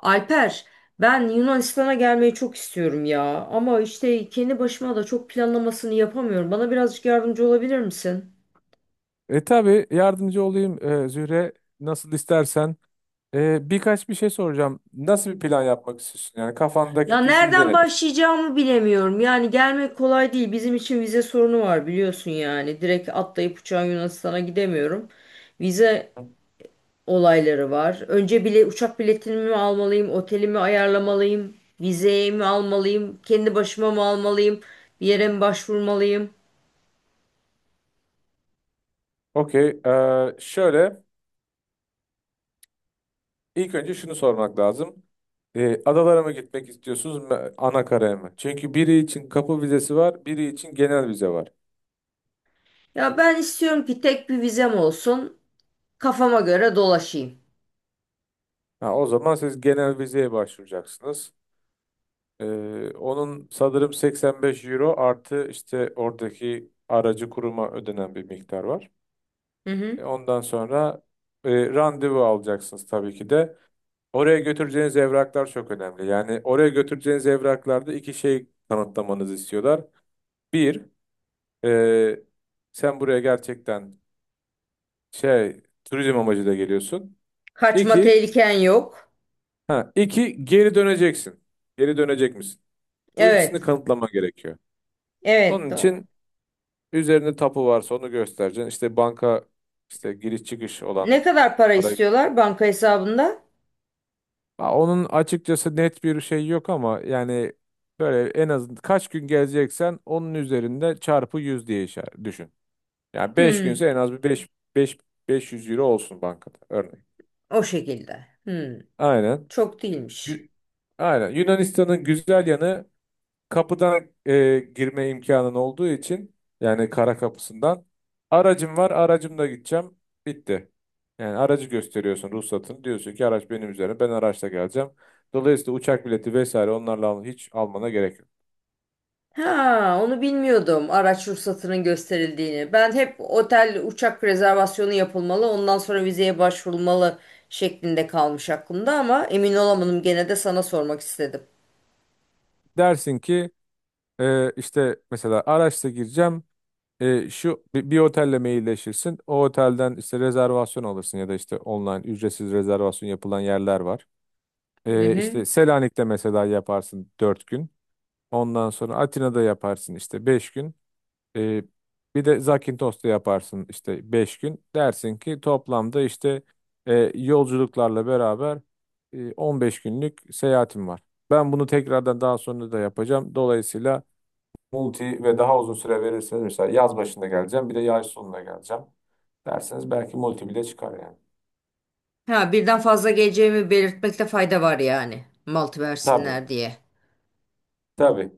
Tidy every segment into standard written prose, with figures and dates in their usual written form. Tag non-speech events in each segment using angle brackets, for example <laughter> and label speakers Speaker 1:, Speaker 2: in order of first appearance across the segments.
Speaker 1: Alper, ben Yunanistan'a gelmeyi çok istiyorum ya. Ama işte kendi başıma da çok planlamasını yapamıyorum. Bana birazcık yardımcı olabilir misin?
Speaker 2: Tabii yardımcı olayım Zühre nasıl istersen. Birkaç bir şey soracağım. Nasıl bir plan yapmak istiyorsun? Yani
Speaker 1: Ya
Speaker 2: kafandaki düşünce
Speaker 1: nereden
Speaker 2: nedir?
Speaker 1: başlayacağımı bilemiyorum. Yani gelmek kolay değil. Bizim için vize sorunu var biliyorsun yani. Direkt atlayıp uçağa Yunanistan'a gidemiyorum. Vize olayları var. Önce bile uçak biletini mi almalıyım, otelimi ayarlamalıyım, vizeyi mi almalıyım, kendi başıma mı almalıyım, bir yere mi başvurmalıyım?
Speaker 2: Okey. Şöyle ilk önce şunu sormak lazım. Adalara mı gitmek istiyorsunuz ana karaya mı? Çünkü biri için kapı vizesi var, biri için genel vize var.
Speaker 1: Ya ben istiyorum ki tek bir vizem olsun. Kafama göre dolaşayım.
Speaker 2: Ha, o zaman siz genel vizeye başvuracaksınız. E, Onun sanırım 85 euro artı işte oradaki aracı kuruma ödenen bir miktar var.
Speaker 1: Hı hı.
Speaker 2: Ondan sonra randevu alacaksınız tabii ki de. Oraya götüreceğiniz evraklar çok önemli. Yani oraya götüreceğiniz evraklarda iki şey kanıtlamanızı istiyorlar. Bir, e, sen buraya gerçekten şey turizm amacıyla geliyorsun.
Speaker 1: Kaçma
Speaker 2: İki,
Speaker 1: tehliken yok.
Speaker 2: ha, iki geri döneceksin. Geri dönecek misin? Bu ikisini
Speaker 1: Evet.
Speaker 2: kanıtlama gerekiyor.
Speaker 1: Evet,
Speaker 2: Onun
Speaker 1: doğru.
Speaker 2: için üzerinde tapu varsa onu göstereceksin. İşte banka işte giriş çıkış
Speaker 1: Ne
Speaker 2: olan
Speaker 1: kadar para
Speaker 2: para.
Speaker 1: istiyorlar banka hesabında?
Speaker 2: Ha, onun açıkçası net bir şey yok ama yani böyle en az kaç gün gezeceksen onun üzerinde çarpı 100 diye işaret düşün. Yani beş
Speaker 1: Hmm.
Speaker 2: günse en az bir beş beş 500 euro olsun bankada örneğin.
Speaker 1: O şekilde. Hmm.
Speaker 2: Aynen.
Speaker 1: Çok değilmiş.
Speaker 2: Yü- Aynen. Yunanistan'ın güzel yanı kapıdan girme imkanın olduğu için, yani kara kapısından, aracım var aracımla gideceğim, bitti. Yani aracı gösteriyorsun, ruhsatını diyorsun ki araç benim üzerine, ben araçla geleceğim. Dolayısıyla uçak bileti vesaire onlarla hiç almana gerek yok.
Speaker 1: Ha, onu bilmiyordum araç ruhsatının gösterildiğini. Ben hep otel uçak rezervasyonu yapılmalı, ondan sonra vizeye başvurulmalı şeklinde kalmış aklımda ama emin olamadım gene de sana sormak istedim.
Speaker 2: Dersin ki işte mesela araçla gireceğim, şu bir otelle mailleşirsin, o otelden işte rezervasyon alırsın ya da işte online ücretsiz rezervasyon yapılan yerler var.
Speaker 1: Hı hı.
Speaker 2: İşte Selanik'te mesela yaparsın 4 gün. Ondan sonra Atina'da yaparsın işte 5 gün. Ee, Bir de Zakintos'ta yaparsın işte 5 gün. Dersin ki toplamda işte yolculuklarla beraber 15 günlük seyahatim var. Ben bunu tekrardan daha sonra da yapacağım. Dolayısıyla multi ve daha uzun süre verirseniz, mesela yaz başında geleceğim bir de yaz sonunda geleceğim derseniz, belki multi bile çıkar yani.
Speaker 1: Ha, birden fazla geleceğimi belirtmekte fayda var yani. Malt
Speaker 2: Tabii,
Speaker 1: versinler diye.
Speaker 2: tabii.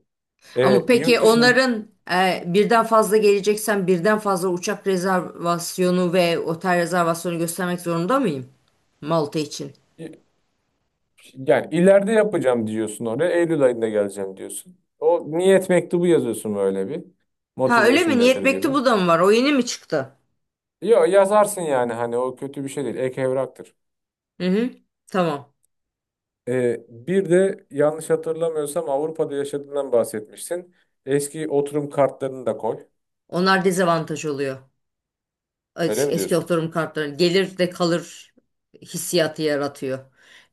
Speaker 1: Ama peki
Speaker 2: Yurt dışın
Speaker 1: onların birden fazla geleceksen birden fazla uçak rezervasyonu ve otel rezervasyonu göstermek zorunda mıyım? Malta için.
Speaker 2: Yani ileride yapacağım diyorsun oraya. Eylül ayında geleceğim diyorsun. O niyet mektubu yazıyorsun böyle bir.
Speaker 1: Ha öyle
Speaker 2: Motivation
Speaker 1: mi?
Speaker 2: letter
Speaker 1: Niyet
Speaker 2: gibi.
Speaker 1: mektubu da mı var? O yeni mi çıktı?
Speaker 2: Yo, yazarsın yani, hani o kötü bir şey değil. Ek evraktır.
Speaker 1: Hı hı. Tamam.
Speaker 2: Bir de yanlış hatırlamıyorsam Avrupa'da yaşadığından bahsetmişsin. Eski oturum kartlarını da koy.
Speaker 1: Onlar dezavantaj oluyor.
Speaker 2: Öyle mi
Speaker 1: Eski
Speaker 2: diyorsun?
Speaker 1: oturum kartları gelir de kalır hissiyatı yaratıyor.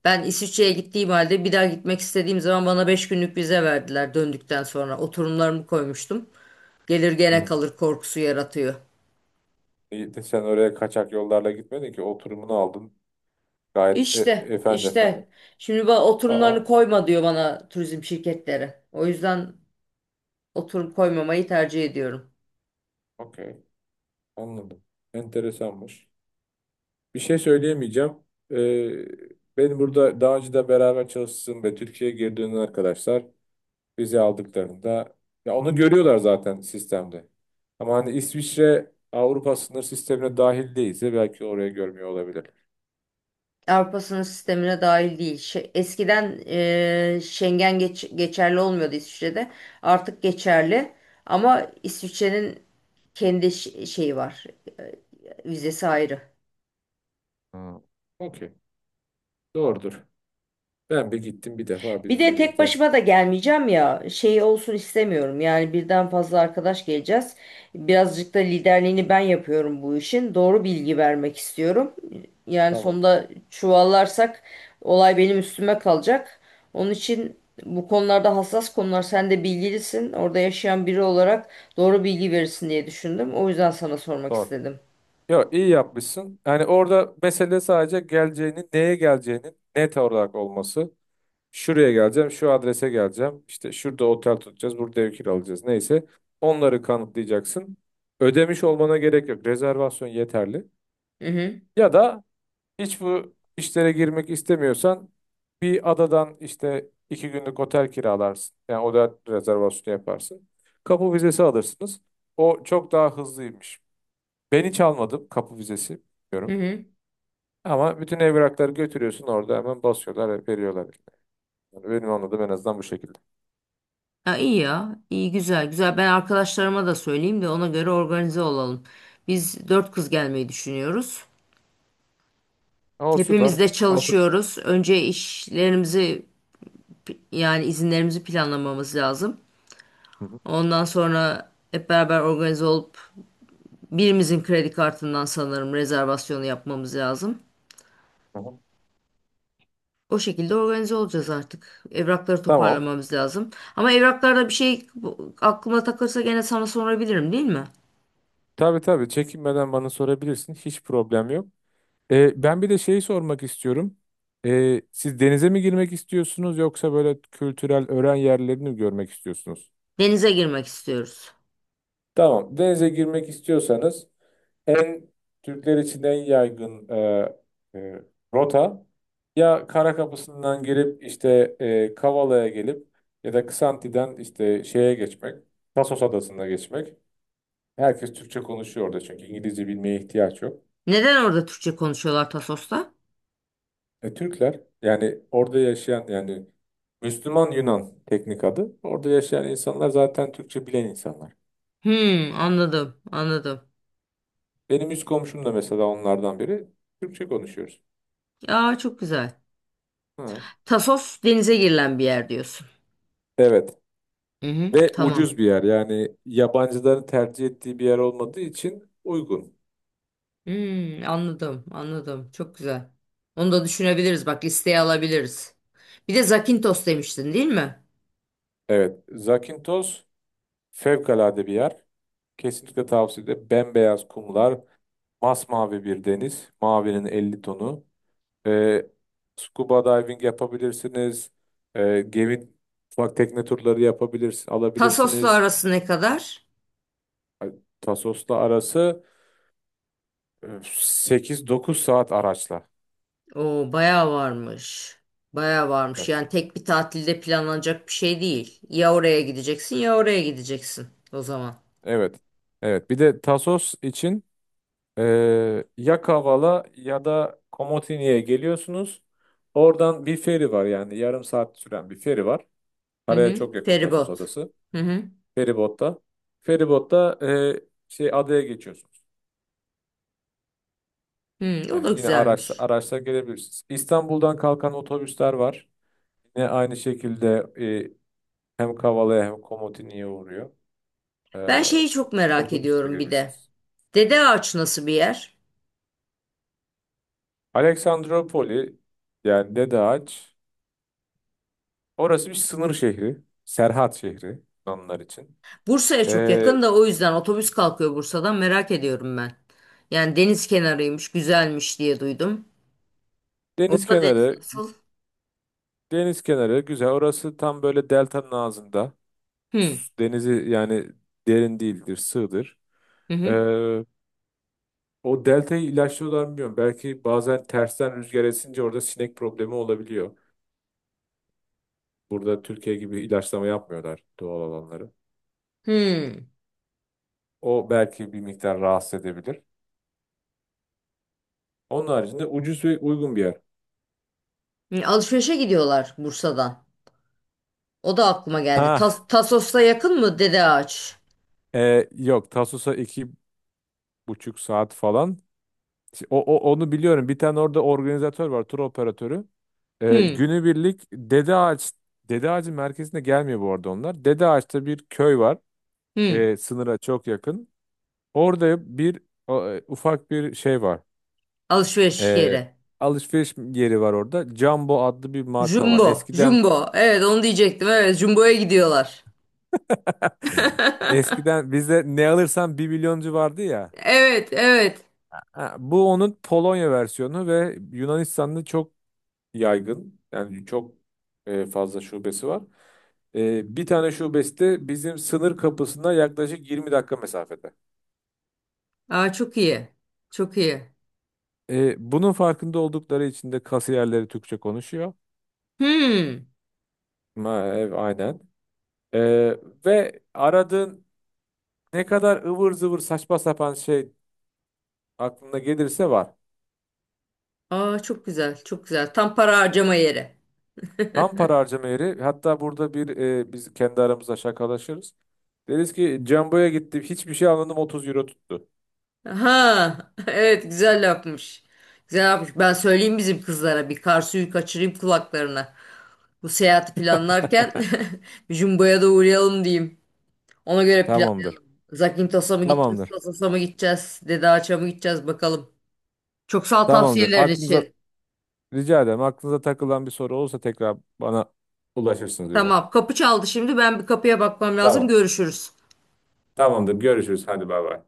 Speaker 1: Ben İsviçre'ye gittiğim halde bir daha gitmek istediğim zaman bana 5 günlük vize verdiler döndükten sonra. Oturumlarımı koymuştum. Gelir gene
Speaker 2: Hı.
Speaker 1: kalır korkusu yaratıyor.
Speaker 2: İyi de sen oraya kaçak yollarla gitmedin ki, oturumunu aldın. Gayet
Speaker 1: İşte,
Speaker 2: efendi efendi.
Speaker 1: işte. Şimdi bana oturumlarını
Speaker 2: Aa,
Speaker 1: koyma diyor bana turizm şirketleri. O yüzden oturum koymamayı tercih ediyorum.
Speaker 2: okey. Anladım. Enteresanmış. Bir şey söyleyemeyeceğim. Ee, Benim burada daha önce de beraber çalıştığım ve Türkiye'ye geri dönen arkadaşlar vize aldıklarında, ya onu görüyorlar zaten sistemde. Ama hani İsviçre Avrupa sınır sistemine dahil değilse belki oraya görmüyor olabilir.
Speaker 1: Avrupa sınır sistemine dahil değil. Eskiden Schengen geçerli olmuyordu İsviçre'de. Artık geçerli. Ama İsviçre'nin kendi şeyi var. Eee, Vizesi ayrı.
Speaker 2: Ha, okey. Doğrudur. Ben bir gittim bir defa bir
Speaker 1: Bir de tek
Speaker 2: Zürih'te.
Speaker 1: başıma da gelmeyeceğim ya. Şey olsun istemiyorum. Yani birden fazla arkadaş geleceğiz. Birazcık da liderliğini ben yapıyorum bu işin. Doğru bilgi vermek istiyorum. Yani
Speaker 2: Tamam.
Speaker 1: sonunda çuvallarsak olay benim üstüme kalacak. Onun için bu konularda hassas konular. Sen de bilgilisin. Orada yaşayan biri olarak doğru bilgi verirsin diye düşündüm. O yüzden sana sormak
Speaker 2: Doğru.
Speaker 1: istedim.
Speaker 2: Yok, iyi yapmışsın. Yani orada mesele sadece geleceğinin, neye geleceğinin net olarak olması. Şuraya geleceğim, şu adrese geleceğim. İşte şurada otel tutacağız, burada ev kiralayacağız. Neyse. Onları kanıtlayacaksın. Ödemiş olmana gerek yok. Rezervasyon yeterli.
Speaker 1: Hı hı.
Speaker 2: Ya da hiç bu işlere girmek istemiyorsan bir adadan işte 2 günlük otel kiralarsın. Yani otel rezervasyonu yaparsın. Kapı vizesi alırsınız. O çok daha hızlıymış. Ben hiç almadım kapı vizesi.
Speaker 1: Hı
Speaker 2: Bilmiyorum.
Speaker 1: hı.
Speaker 2: Ama bütün evrakları götürüyorsun, orada hemen basıyorlar, veriyorlar. Yani benim anladığım en azından bu şekilde.
Speaker 1: Ya iyi ya, iyi güzel güzel. Ben arkadaşlarıma da söyleyeyim de ona göre organize olalım. Biz dört kız gelmeyi düşünüyoruz.
Speaker 2: O süper.
Speaker 1: Hepimiz de
Speaker 2: Altın.
Speaker 1: çalışıyoruz. Önce işlerimizi yani izinlerimizi planlamamız lazım.
Speaker 2: Hı hı.
Speaker 1: Ondan sonra hep beraber organize olup birimizin kredi kartından sanırım rezervasyonu yapmamız lazım.
Speaker 2: Tamam.
Speaker 1: O şekilde organize olacağız artık. Evrakları
Speaker 2: Tamam.
Speaker 1: toparlamamız lazım. Ama evraklarda bir şey aklıma takılırsa gene sana sorabilirim değil mi?
Speaker 2: Tabii, tabii, çekinmeden bana sorabilirsin. Hiç problem yok. Ben bir de şeyi sormak istiyorum. Siz denize mi girmek istiyorsunuz yoksa böyle kültürel öğren yerlerini mi görmek istiyorsunuz?
Speaker 1: Denize girmek istiyoruz.
Speaker 2: Tamam. Denize girmek istiyorsanız en Türkler için en yaygın e, rota ya Kara Kapısı'ndan girip işte Kavala'ya gelip ya da Ksanti'den işte şeye geçmek, Tasos Adası'na geçmek. Herkes Türkçe konuşuyor orada, çünkü İngilizce bilmeye ihtiyaç yok.
Speaker 1: Neden orada Türkçe konuşuyorlar Tasos'ta?
Speaker 2: Türkler, yani orada yaşayan yani Müslüman Yunan teknik adı. Orada yaşayan insanlar zaten Türkçe bilen insanlar.
Speaker 1: Hmm, anladım, anladım.
Speaker 2: Benim üst komşum da mesela onlardan biri. Türkçe konuşuyoruz.
Speaker 1: Ya çok güzel.
Speaker 2: Hı.
Speaker 1: Tasos denize girilen bir yer diyorsun.
Speaker 2: Evet.
Speaker 1: Hı hı,
Speaker 2: Ve
Speaker 1: tamam.
Speaker 2: ucuz bir yer. Yani yabancıların tercih ettiği bir yer olmadığı için uygun.
Speaker 1: Hmm, anladım, anladım. Çok güzel. Onu da düşünebiliriz. Bak listeye alabiliriz. Bir de Zakintos demiştin, değil mi?
Speaker 2: Evet. Zakynthos fevkalade bir yer. Kesinlikle tavsiye ederim. Bembeyaz kumlar, masmavi bir deniz, mavinin 50 tonu. E, Scuba diving yapabilirsiniz. Gemi ufak tekne turları yapabilirsiniz,
Speaker 1: Tasos'la
Speaker 2: alabilirsiniz.
Speaker 1: arası ne kadar?
Speaker 2: Ay, Tasos'la arası 8-9 saat araçla.
Speaker 1: Oo, bayağı varmış. Bayağı varmış.
Speaker 2: Evet.
Speaker 1: Yani tek bir tatilde planlanacak bir şey değil. Ya oraya gideceksin ya oraya gideceksin o zaman.
Speaker 2: Evet. Evet. Bir de Tasos için e, ya Kavala ya da Komotini'ye geliyorsunuz. Oradan bir feri var, yani yarım saat süren bir feri var.
Speaker 1: Hı
Speaker 2: Paraya
Speaker 1: hı.
Speaker 2: çok yakın Tasos
Speaker 1: Feribot.
Speaker 2: adası.
Speaker 1: Hı hı.
Speaker 2: Feribotta. Feribotta şey adaya geçiyorsunuz.
Speaker 1: Hmm, o da
Speaker 2: Yani yine
Speaker 1: güzelmiş.
Speaker 2: araçla gelebilirsiniz. İstanbul'dan kalkan otobüsler var. Yine aynı şekilde hem Kavala'ya hem Komotini'ye uğruyor. E,
Speaker 1: Ben şeyi çok merak
Speaker 2: Otobüsle
Speaker 1: ediyorum bir de.
Speaker 2: gelebilirsiniz.
Speaker 1: Dede Ağaç nasıl bir yer?
Speaker 2: Aleksandropoli, yani Dedeağaç. Orası bir sınır şehri. Serhat şehri Yunanlar için.
Speaker 1: Bursa'ya
Speaker 2: E,
Speaker 1: çok yakın da o yüzden otobüs kalkıyor Bursa'dan merak ediyorum ben. Yani deniz kenarıymış, güzelmiş diye duydum.
Speaker 2: deniz
Speaker 1: Orta deniz
Speaker 2: kenarı
Speaker 1: nasıl?
Speaker 2: Deniz kenarı güzel. Orası tam böyle deltanın ağzında.
Speaker 1: Hmm,
Speaker 2: Denizi yani derin değildir, sığdır.
Speaker 1: hı hı.
Speaker 2: E, O deltayı ilaçlıyorlar mı bilmiyorum. Belki bazen tersten rüzgar esince orada sinek problemi olabiliyor. Burada Türkiye gibi ilaçlama yapmıyorlar doğal alanları.
Speaker 1: Hmm.
Speaker 2: O belki bir miktar rahatsız edebilir. Onun haricinde ucuz ve uygun bir yer.
Speaker 1: Hı, alışverişe gidiyorlar Bursa'dan. O da aklıma geldi.
Speaker 2: Ha,
Speaker 1: Tasos'ta yakın mı Dede Ağaç?
Speaker 2: yok, Tasus'a 2,5 saat falan. Onu biliyorum. Bir tane orada organizatör var, tur operatörü.
Speaker 1: Hmm,
Speaker 2: Günübirlik Dede Ağacı merkezine gelmiyor bu arada onlar. Dede Ağaç'ta bir köy var.
Speaker 1: hmm.
Speaker 2: Sınıra çok yakın. Orada bir ufak bir şey var.
Speaker 1: Alışveriş
Speaker 2: Ee,
Speaker 1: yeri.
Speaker 2: Alışveriş yeri var orada. Jumbo adlı bir marka var.
Speaker 1: Jumbo,
Speaker 2: Eskiden
Speaker 1: Jumbo. Evet onu diyecektim. Evet, Jumbo'ya gidiyorlar.
Speaker 2: <laughs>
Speaker 1: <laughs>
Speaker 2: eskiden bizde ne alırsan bir milyoncu vardı ya.
Speaker 1: Evet, evet.
Speaker 2: Ha, bu onun Polonya versiyonu ve Yunanistan'da çok yaygın. Yani çok fazla şubesi var. Bir tane şubesi de bizim sınır kapısına yaklaşık 20 dakika mesafede.
Speaker 1: Aa, çok iyi. Çok iyi.
Speaker 2: Bunun farkında oldukları için de kasiyerleri Türkçe konuşuyor.
Speaker 1: Hmm.
Speaker 2: Aynen. Ee, Ve aradığın ne kadar ıvır zıvır saçma sapan şey aklına gelirse var.
Speaker 1: Aa, çok güzel, çok güzel. Tam para harcama yeri.
Speaker 2: Tam para harcama yeri. Hatta burada bir biz kendi aramızda şakalaşırız. Deriz ki Jumbo'ya gittim, hiçbir şey almadım, 30 euro tuttu.
Speaker 1: Aha, <laughs> evet güzel yapmış. Güzel yapmış. Ben söyleyeyim bizim kızlara bir kar suyu kaçırayım kulaklarına. Bu seyahati planlarken <laughs> bir jumboya da uğrayalım diyeyim. Ona göre plan.
Speaker 2: Tamamdır.
Speaker 1: Zakintos'a mı gideceğiz,
Speaker 2: Tamamdır.
Speaker 1: Sosos'a mı gideceğiz, Dede Ağaç'a mı gideceğiz bakalım. Çok sağ ol
Speaker 2: Tamamdır.
Speaker 1: tavsiyeler
Speaker 2: Aklınıza
Speaker 1: için.
Speaker 2: rica ederim. Aklınıza takılan bir soru olursa tekrar bana ulaşırsınız öyle.
Speaker 1: Tamam, kapı çaldı şimdi. Ben bir kapıya bakmam lazım.
Speaker 2: Tamam.
Speaker 1: Görüşürüz.
Speaker 2: Tamamdır. Görüşürüz. Hadi bay bay.